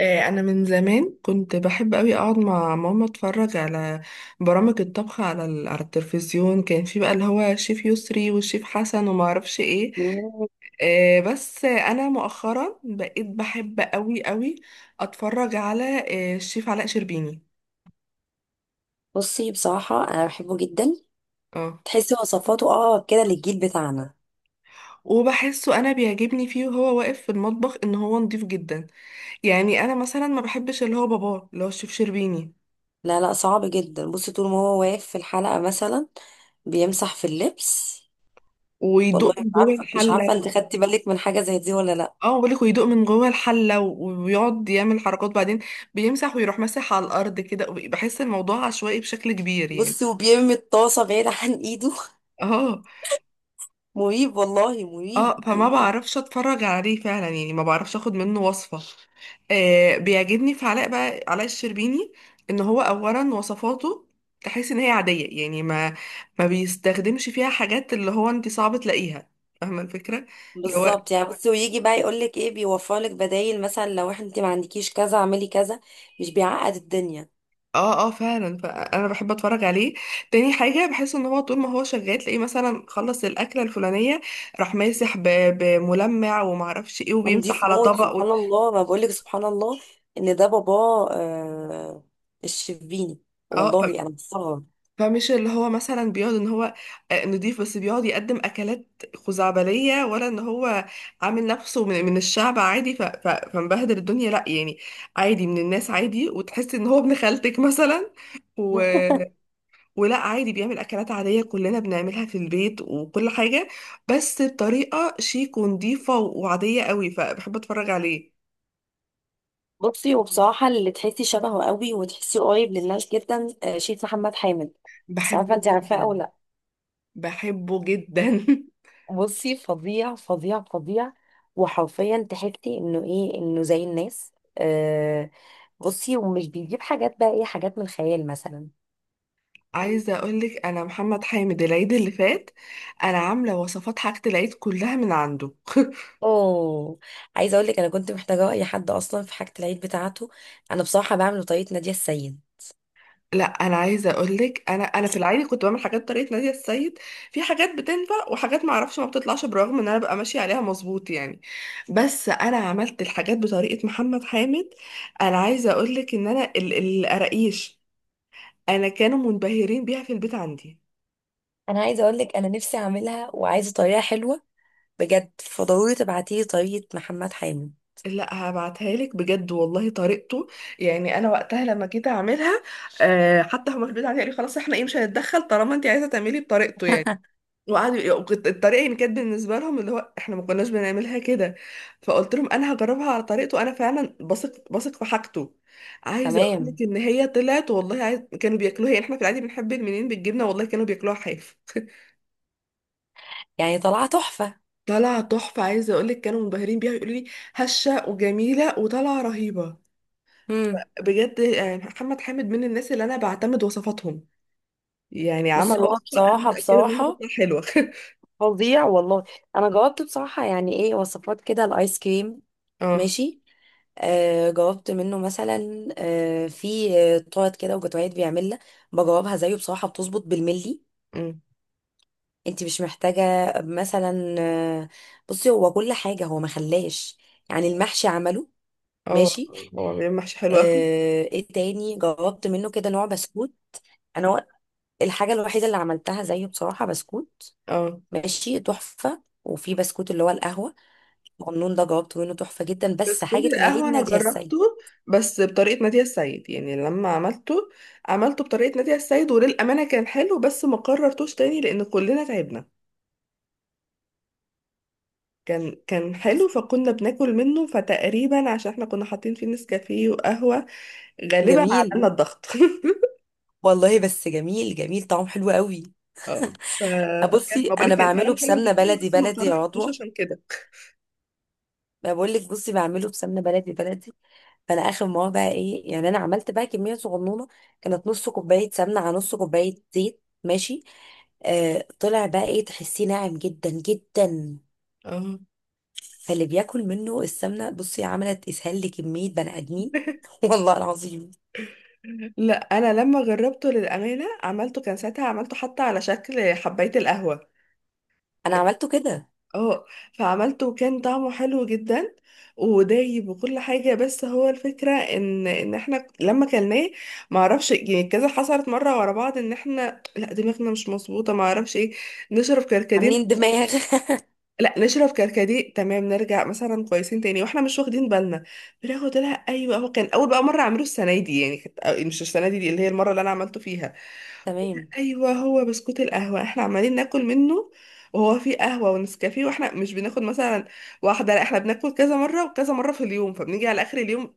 انا من زمان كنت بحب قوي اقعد مع ماما اتفرج على برامج الطبخ على على التلفزيون. كان في بقى اللي هو شيف يسري والشيف حسن وما اعرفش ايه. مم. بس انا مؤخرا بقيت بحب قوي قوي اتفرج على الشيف علاء شربيني. بصي، بصراحة أنا بحبه جدا. اه، تحسي وصفاته أقرب كده للجيل بتاعنا. وبحسه انا بيعجبني فيه وهو واقف في المطبخ ان هو نضيف جدا. يعني انا مثلا ما بحبش اللي هو باباه اللي هو الشيف شربيني لا، لا، صعب جدا. بصي، طول ما هو واقف في الحلقة مثلا بيمسح في اللبس. ويدوق والله مش من جوه عارفة مش عارفة الحله. أنت خدتي بالك من حاجة زي دي ولا لأ؟ اه بالك ويدوق من جوه الحلة ويقعد يعمل حركات بعدين. بيمسح ويروح ماسح على الأرض كده، بحس الموضوع عشوائي بشكل كبير يعني. بصي، وبيرمي الطاسة بعيد عن إيده. اه مريب، والله مريب اه، فما مريب. بعرفش اتفرج عليه فعلا يعني ما بعرفش اخد منه وصفة. آه بيعجبني في علاء بقى علاء الشربيني. ان هو اولا وصفاته، تحس ان هي عادية، يعني ما بيستخدمش فيها حاجات اللي هو انت صعب تلاقيها. فاهمة الفكرة؟ اللي هو بالظبط. يعني بصي، ويجي بقى يقول لك إيه، بيوفر لك بدايل، مثلا لو إحنا أنت ما عندكيش كذا اعملي كذا. مش بيعقد الدنيا. اه اه فعلا، فانا بحب اتفرج عليه. تاني حاجه بحس ان هو طول ما هو شغال تلاقيه مثلا خلص الاكله الفلانيه راح ماسح بملمع ومعرفش ايه، وبيمسح نضيف على موت، طبق. سبحان الله. ما بقولك سبحان الله ان ده باباه، الشربيني. اه والله انا بستغرب. فمش اللي هو مثلا بيقعد ان هو نضيف، بس بيقعد يقدم اكلات خزعبليه، ولا ان هو عامل نفسه من الشعب عادي فمبهدل الدنيا. لا يعني عادي من الناس عادي، وتحس ان هو ابن خالتك مثلا. ولا عادي بيعمل اكلات عاديه كلنا بنعملها في البيت وكل حاجه، بس بطريقه شيك ونضيفه وعاديه قوي، فبحب اتفرج عليه. بصي، وبصراحه اللي تحسي شبهه قوي وتحسي قريب للناس جدا، شيخ محمد حامد. مش عارفه، بحبه انت عارفاه او جدا. لا؟ بحبه جدا. بصي، فظيع فظيع فظيع. وحرفيا تحسي انه، ايه، انه زي الناس. آه. بصي، ومش بيجيب حاجات، بقى ايه، حاجات من الخيال مثلا. عايزه اقولك انا محمد حامد العيد اللي فات انا عامله وصفات حاجه العيد كلها من عنده. اوه. عايزه اقول لك، انا كنت محتاجه اي حد اصلا في حاجه العيد بتاعته. انا بصراحه بعمل بطريقه ناديه السيد. لا، انا عايزه اقول لك انا في العادي كنت بعمل حاجات بطريقه ناديه السيد. في حاجات بتنفع وحاجات ما اعرفش ما بتطلعش برغم ان انا ببقى ماشيه عليها مظبوط يعني. بس انا عملت الحاجات بطريقه محمد حامد. انا عايزه اقول لك ان انا القراقيش، انا كانوا منبهرين بيها في البيت عندي. انا عايزه اقول لك، انا نفسي اعملها وعايزه طريقه حلوه بجد، فضروري تبعتي لي طريقه محمد حامد. لا هبعتها لك بجد، والله طريقته، يعني انا وقتها لما جيت اعملها، حتى هما في البيت عندي قالوا خلاص احنا ايه مش هنتدخل طالما انت عايزه تعملي بطريقته يعني. وقعدوا، الطريقه يعني كانت بالنسبه لهم اللي هو احنا ما كناش بنعملها كده. فقلت لهم انا هجربها على طريقته، انا فعلا بثق في حاجته. عايزه اقول تمام. لك ان هي طلعت، والله كانوا بياكلوها، يعني احنا في العادي بنحب المنين بالجبنه، والله كانوا بياكلوها حاف. يعني طلعت تحفه. طالعه تحفه، عايزه اقول لك كانوا منبهرين بيها يقولوا لي هشه وجميله وطالعه رهيبه. امم. بجد يعني محمد حامد من الناس اللي انا بعتمد وصفاتهم، يعني عمل بصي، هو وصفه انا بصراحه متاكده ان هي بصراحه، هتطلع حلوه. فظيع والله. انا جاوبت بصراحه، يعني ايه، وصفات كده الايس كريم، اه. ماشي. جاوبت منه مثلا، في تورت كده وجاتوهات بيعملها. بجاوبها زيه بصراحه، بتظبط بالملي. أمم. انت مش محتاجه مثلا بصي هو كل حاجه هو ما خلاش. يعني المحشي عمله. اه ماشي. هو بيعمل محشي حلو أوي. ايه تاني جاوبت منه كده، نوع بسكوت. انا و- الحاجه الوحيده اللي عملتها زيه بصراحه بسكوت، اه ماشي تحفه. وفي بسكوت اللي هو القهوه، النون ده جاوبته منه تحفة جدا، بس بسكوت حاجة العيد القهوة أنا نادية السيد. جربته بس بطريقة نادية السيد. يعني لما عملته عملته بطريقة نادية السيد، وللأمانة كان حلو بس ما قررتوش تاني لأن كلنا تعبنا. كان حلو بص. فكنا بناكل منه، فتقريبا عشان احنا كنا حاطين فيه نسكافيه وقهوة غالبا جميل، عملنا الضغط. والله بس جميل جميل طعم حلو قوي. اه فكان بصي، ما بقولك انا كان فعلا بعمله حلو بسمنة جدا، بلدي بس ما بلدي يا قررتوش عضوة. عشان كده. ما بقول لك، بصي بعمله بسمنة بلدي بلدي. فانا اخر مرة، بقى ايه، يعني انا عملت بقى كمية صغنونة. كانت نص كوباية سمنة على نص كوباية زيت، ماشي. طلع، بقى ايه، تحسيه ناعم جدا جدا. اه. فاللي بياكل منه السمنة، بصي، عملت اسهال لكمية بني ادمين. والله العظيم. لا انا لما جربته للامانه عملته، كان ساعتها عملته حتى على شكل حبايه القهوه. انا عملته كده. اه فعملته وكان طعمه حلو جدا ودايب وكل حاجة. بس هو الفكرة ان احنا لما كلناه معرفش يعني كذا حصلت مرة ورا بعض، ان احنا لا دماغنا مش مظبوطة، معرفش ايه، نشرب عاملين كركديه. دماغ. لا نشرب كركديه تمام نرجع مثلا كويسين تاني، واحنا مش واخدين بالنا بناخد لها. ايوه هو كان اول بقى مرة اعمله السنة دي، يعني كانت مش السنة دي, دي اللي هي المرة اللي انا عملته فيها. تمام. ايوه هو بسكوت القهوه احنا عمالين ناكل منه، وهو فيه قهوه ونسكافيه، واحنا مش بناخد مثلا واحده، لا احنا بناكل كذا مره وكذا مره في اليوم، فبنيجي على اخر اليوم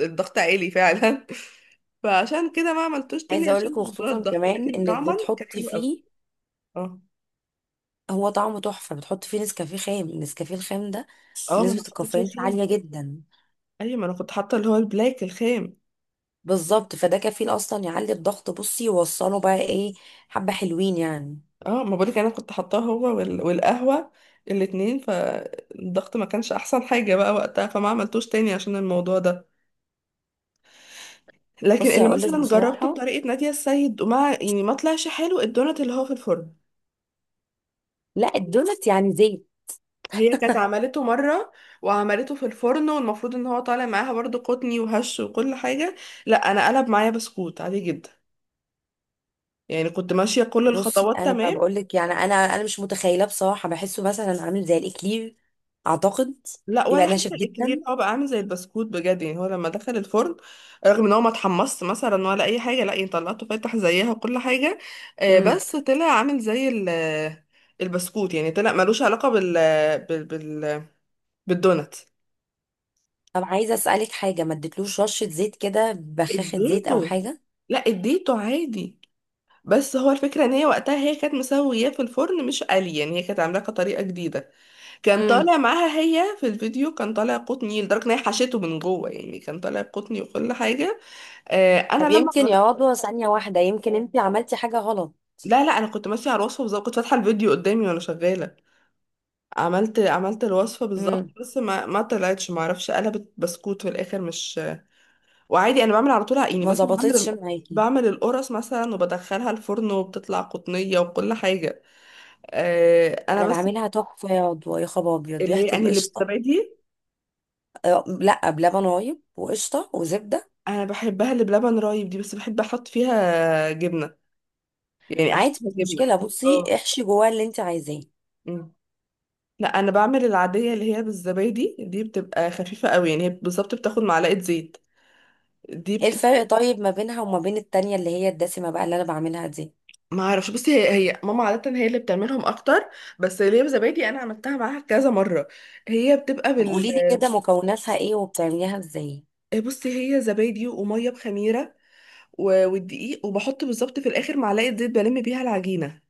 الضغط عالي فعلا. فعشان كده ما عملتوش تاني عايزه اقول عشان لكم، موضوع خصوصا الضغط، كمان لكن انك طعما كان بتحطي حلو قوي. فيه، اه. هو طعمه تحفه. بتحطي فيه نسكافيه خام، النسكافيه الخام ده اه ما انا نسبه حطيت فيه الكافيين فيه خام. عاليه جدا. ايوه ما انا كنت حاطه اللي هو البلاك الخام. بالظبط، فده كفيل اصلا يعلي الضغط، بصي يوصله بقى ايه، حبه حلوين يعني. اه ما بقولك انا كنت حاطاه هو والقهوه الاتنين، فالضغط ما كانش احسن حاجه بقى وقتها، فما عملتوش تاني عشان الموضوع ده. لكن بصي، اللي هقول لك مثلا جربته بصراحه، بطريقة نادية السيد وما يعني ما طلعش حلو الدونات اللي هو في الفرن. لا الدونت يعني زيت. هي كانت عملته مرة وعملته في الفرن، والمفروض ان هو طالع معاها برضو قطني وهش وكل حاجة. لا انا قلب معايا بسكوت عادي جدا. يعني كنت ماشية كل بصي، الخطوات انا ما تمام. بقول لك، يعني انا مش متخيله بصراحه، بحسه مثلا عامل زي الاكلير، اعتقد. لا، يبقى ولا حتى ناشف جدا. الاكلير، هو بقى عامل زي البسكوت بجد يعني. هو لما دخل الفرن رغم ان هو ما اتحمص مثلا ولا اي حاجة، لا يعني طلعته فاتح زيها وكل حاجة، امم. بس طلع عامل زي البسكوت. يعني طلع ملوش علاقة بال بال بالدونات. طب عايزه اسالك حاجه، ما اديتلوش رشه زيت كده، بخاخه زيت او اديته. حاجه؟ لا اديته عادي. بس هو الفكرة ان هي وقتها هي كانت مسوياه في الفرن مش قلي، يعني هي كانت عاملاه كطريقة جديدة. كان امم. طالع معاها هي في الفيديو كان طالع قطني لدرجة ان هي حشته من جوه، يعني كان طالع قطني وكل حاجة. آه انا طب لما يمكن جربت. يا رضوى، ثانيه واحده، يمكن انت عملتي حاجه غلط. لا انا كنت ماشية على الوصفة بالظبط، كنت فاتحة الفيديو قدامي وانا شغالة. عملت الوصفة بالظبط، امم. بس ما طلعتش ما اعرفش، قلبت بسكوت في الاخر مش. وعادي انا بعمل على طول يعني ما مثلا ظبطتش بعمل، معاكي. بعمل القرص مثلا وبدخلها الفرن وبتطلع قطنية وكل حاجة. آه انا انا بس. بعملها تحفه يا رضوى، يا خبر ابيض، اللي ريحه هي يعني اللي القشطه. بتزبادي. آه، لا، بلبن رايب وقشطه وزبده. انا بحبها اللي بلبن رايب دي، بس بحب احط فيها جبنة، يعني احشيها عادي، مش جبنة. مشكله، بصي اه. احشي جواها اللي انت عايزاه. أمم. لا انا بعمل العادية اللي هي بالزبادي دي بتبقى خفيفة قوي، يعني هي بالظبط بتاخد معلقة زيت. دي ايه بت... الفرق طيب ما بينها وما بين التانية اللي هي الدسمه بقى اللي انا بعملها دي؟ ما اعرفش، بس هي ماما عادة هي اللي بتعملهم اكتر، بس اللي هي بزبادي انا عملتها معاها كذا مرة. هي بتبقى طب بال. قولي لي كده، مكوناتها ايه وبتعمليها ازاي؟ بصي هي زبادي وميه بخميره والدقيق، وبحط بالظبط في الاخر معلقه زيت بلم بيها العجينه.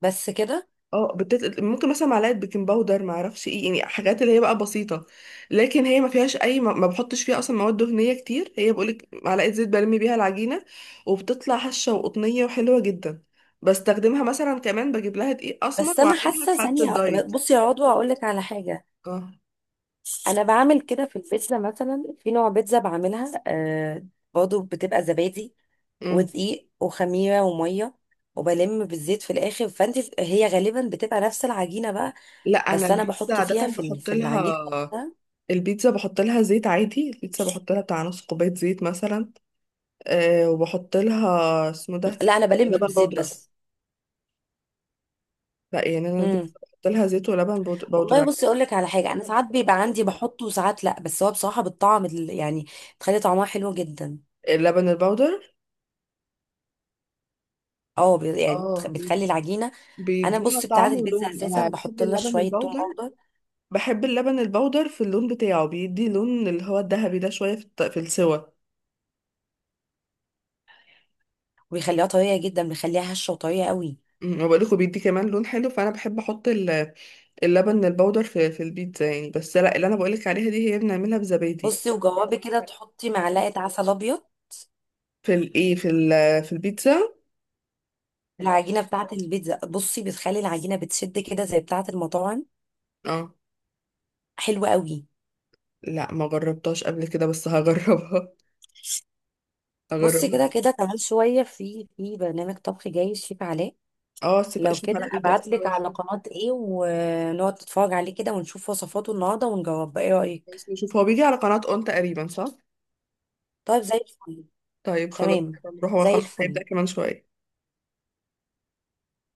بس كده؟ اه ممكن مثلا معلقه بيكنج باودر ما اعرفش ايه، يعني حاجات اللي هي بقى بسيطه. لكن هي ما فيهاش اي ما بحطش فيها اصلا مواد دهنيه كتير. هي بقولك معلقه زيت بلم بيها العجينه وبتطلع هشه وقطنيه وحلوه جدا. بستخدمها مثلا كمان بجيب لها دقيق اسمر بس انا واعملها في حاسه حاله ثانيه، الدايت. بصي يا عضوى اقول لك على حاجه. اه. انا بعمل كده في البيتزا، مثلا في نوع بيتزا بعملها، برضه بتبقى زبادي امم. ودقيق وخميره وميه، وبلم بالزيت في الاخر. فانت هي غالبا بتبقى نفس العجينه بقى، لا انا بس انا البيتزا بحط عاده فيها بحط في العجينه لها، نفسها. البيتزا بحط لها زيت عادي، البيتزا بحط لها بتاع نص كوباية زيت مثلا. أه وبحط لها اسمه ده لا، انا بلم لبن بالزيت بودرة. بس. لا يعني انا البيتزا امم. بحط لها زيت ولبن والله بودرة. بصي اقول لك على حاجه، انا ساعات بيبقى عندي بحطه وساعات لا، بس هو بصراحه بالطعم يعني بتخلي طعمها حلو جدا. اللبن البودر. اه، يعني اه بي- بتخلي العجينه. انا بيديها بص، بتاعه طعم البيتزا ولون. اساسا انا بحب بحط لها اللبن شويه توم البودر. اخضر، بحب اللبن البودر في اللون بتاعه، بيدي لون اللي هو الذهبي ده شوية في السوا. وبيخليها طريه جدا، بيخليها هشه وطريه قوي. أمم، وبقول لكم بيدي كمان لون حلو، فانا بحب احط اللبن البودر في البيتزا يعني. بس لا اللي انا بقولك عليها دي هي بنعملها بزبادي. بصي، وجوابي كده تحطي معلقه عسل ابيض في الايه في ال في البيتزا. في العجينه بتاعه البيتزا، بصي بتخلي العجينه بتشد كده زي بتاعه المطاعم، اه حلوه قوي. لا ما جربتهاش قبل كده بس هجربها. بصي، هجربها. كده كده كمان شويه في برنامج طبخ جاي الشيف علاء. اه، سيب لو اشوف كده على يبدأ. ابعت لك على قناه ايه، ونقعد نتفرج عليه كده ونشوف وصفاته النهارده، ونجاوب، ايه رايك؟ نشوف هو بيجي على قناة اون تقريبا صح. طيب، زي الفل. طيب خلاص تمام، نروح هو زي خلاص الفل. هيبدأ كمان شوية.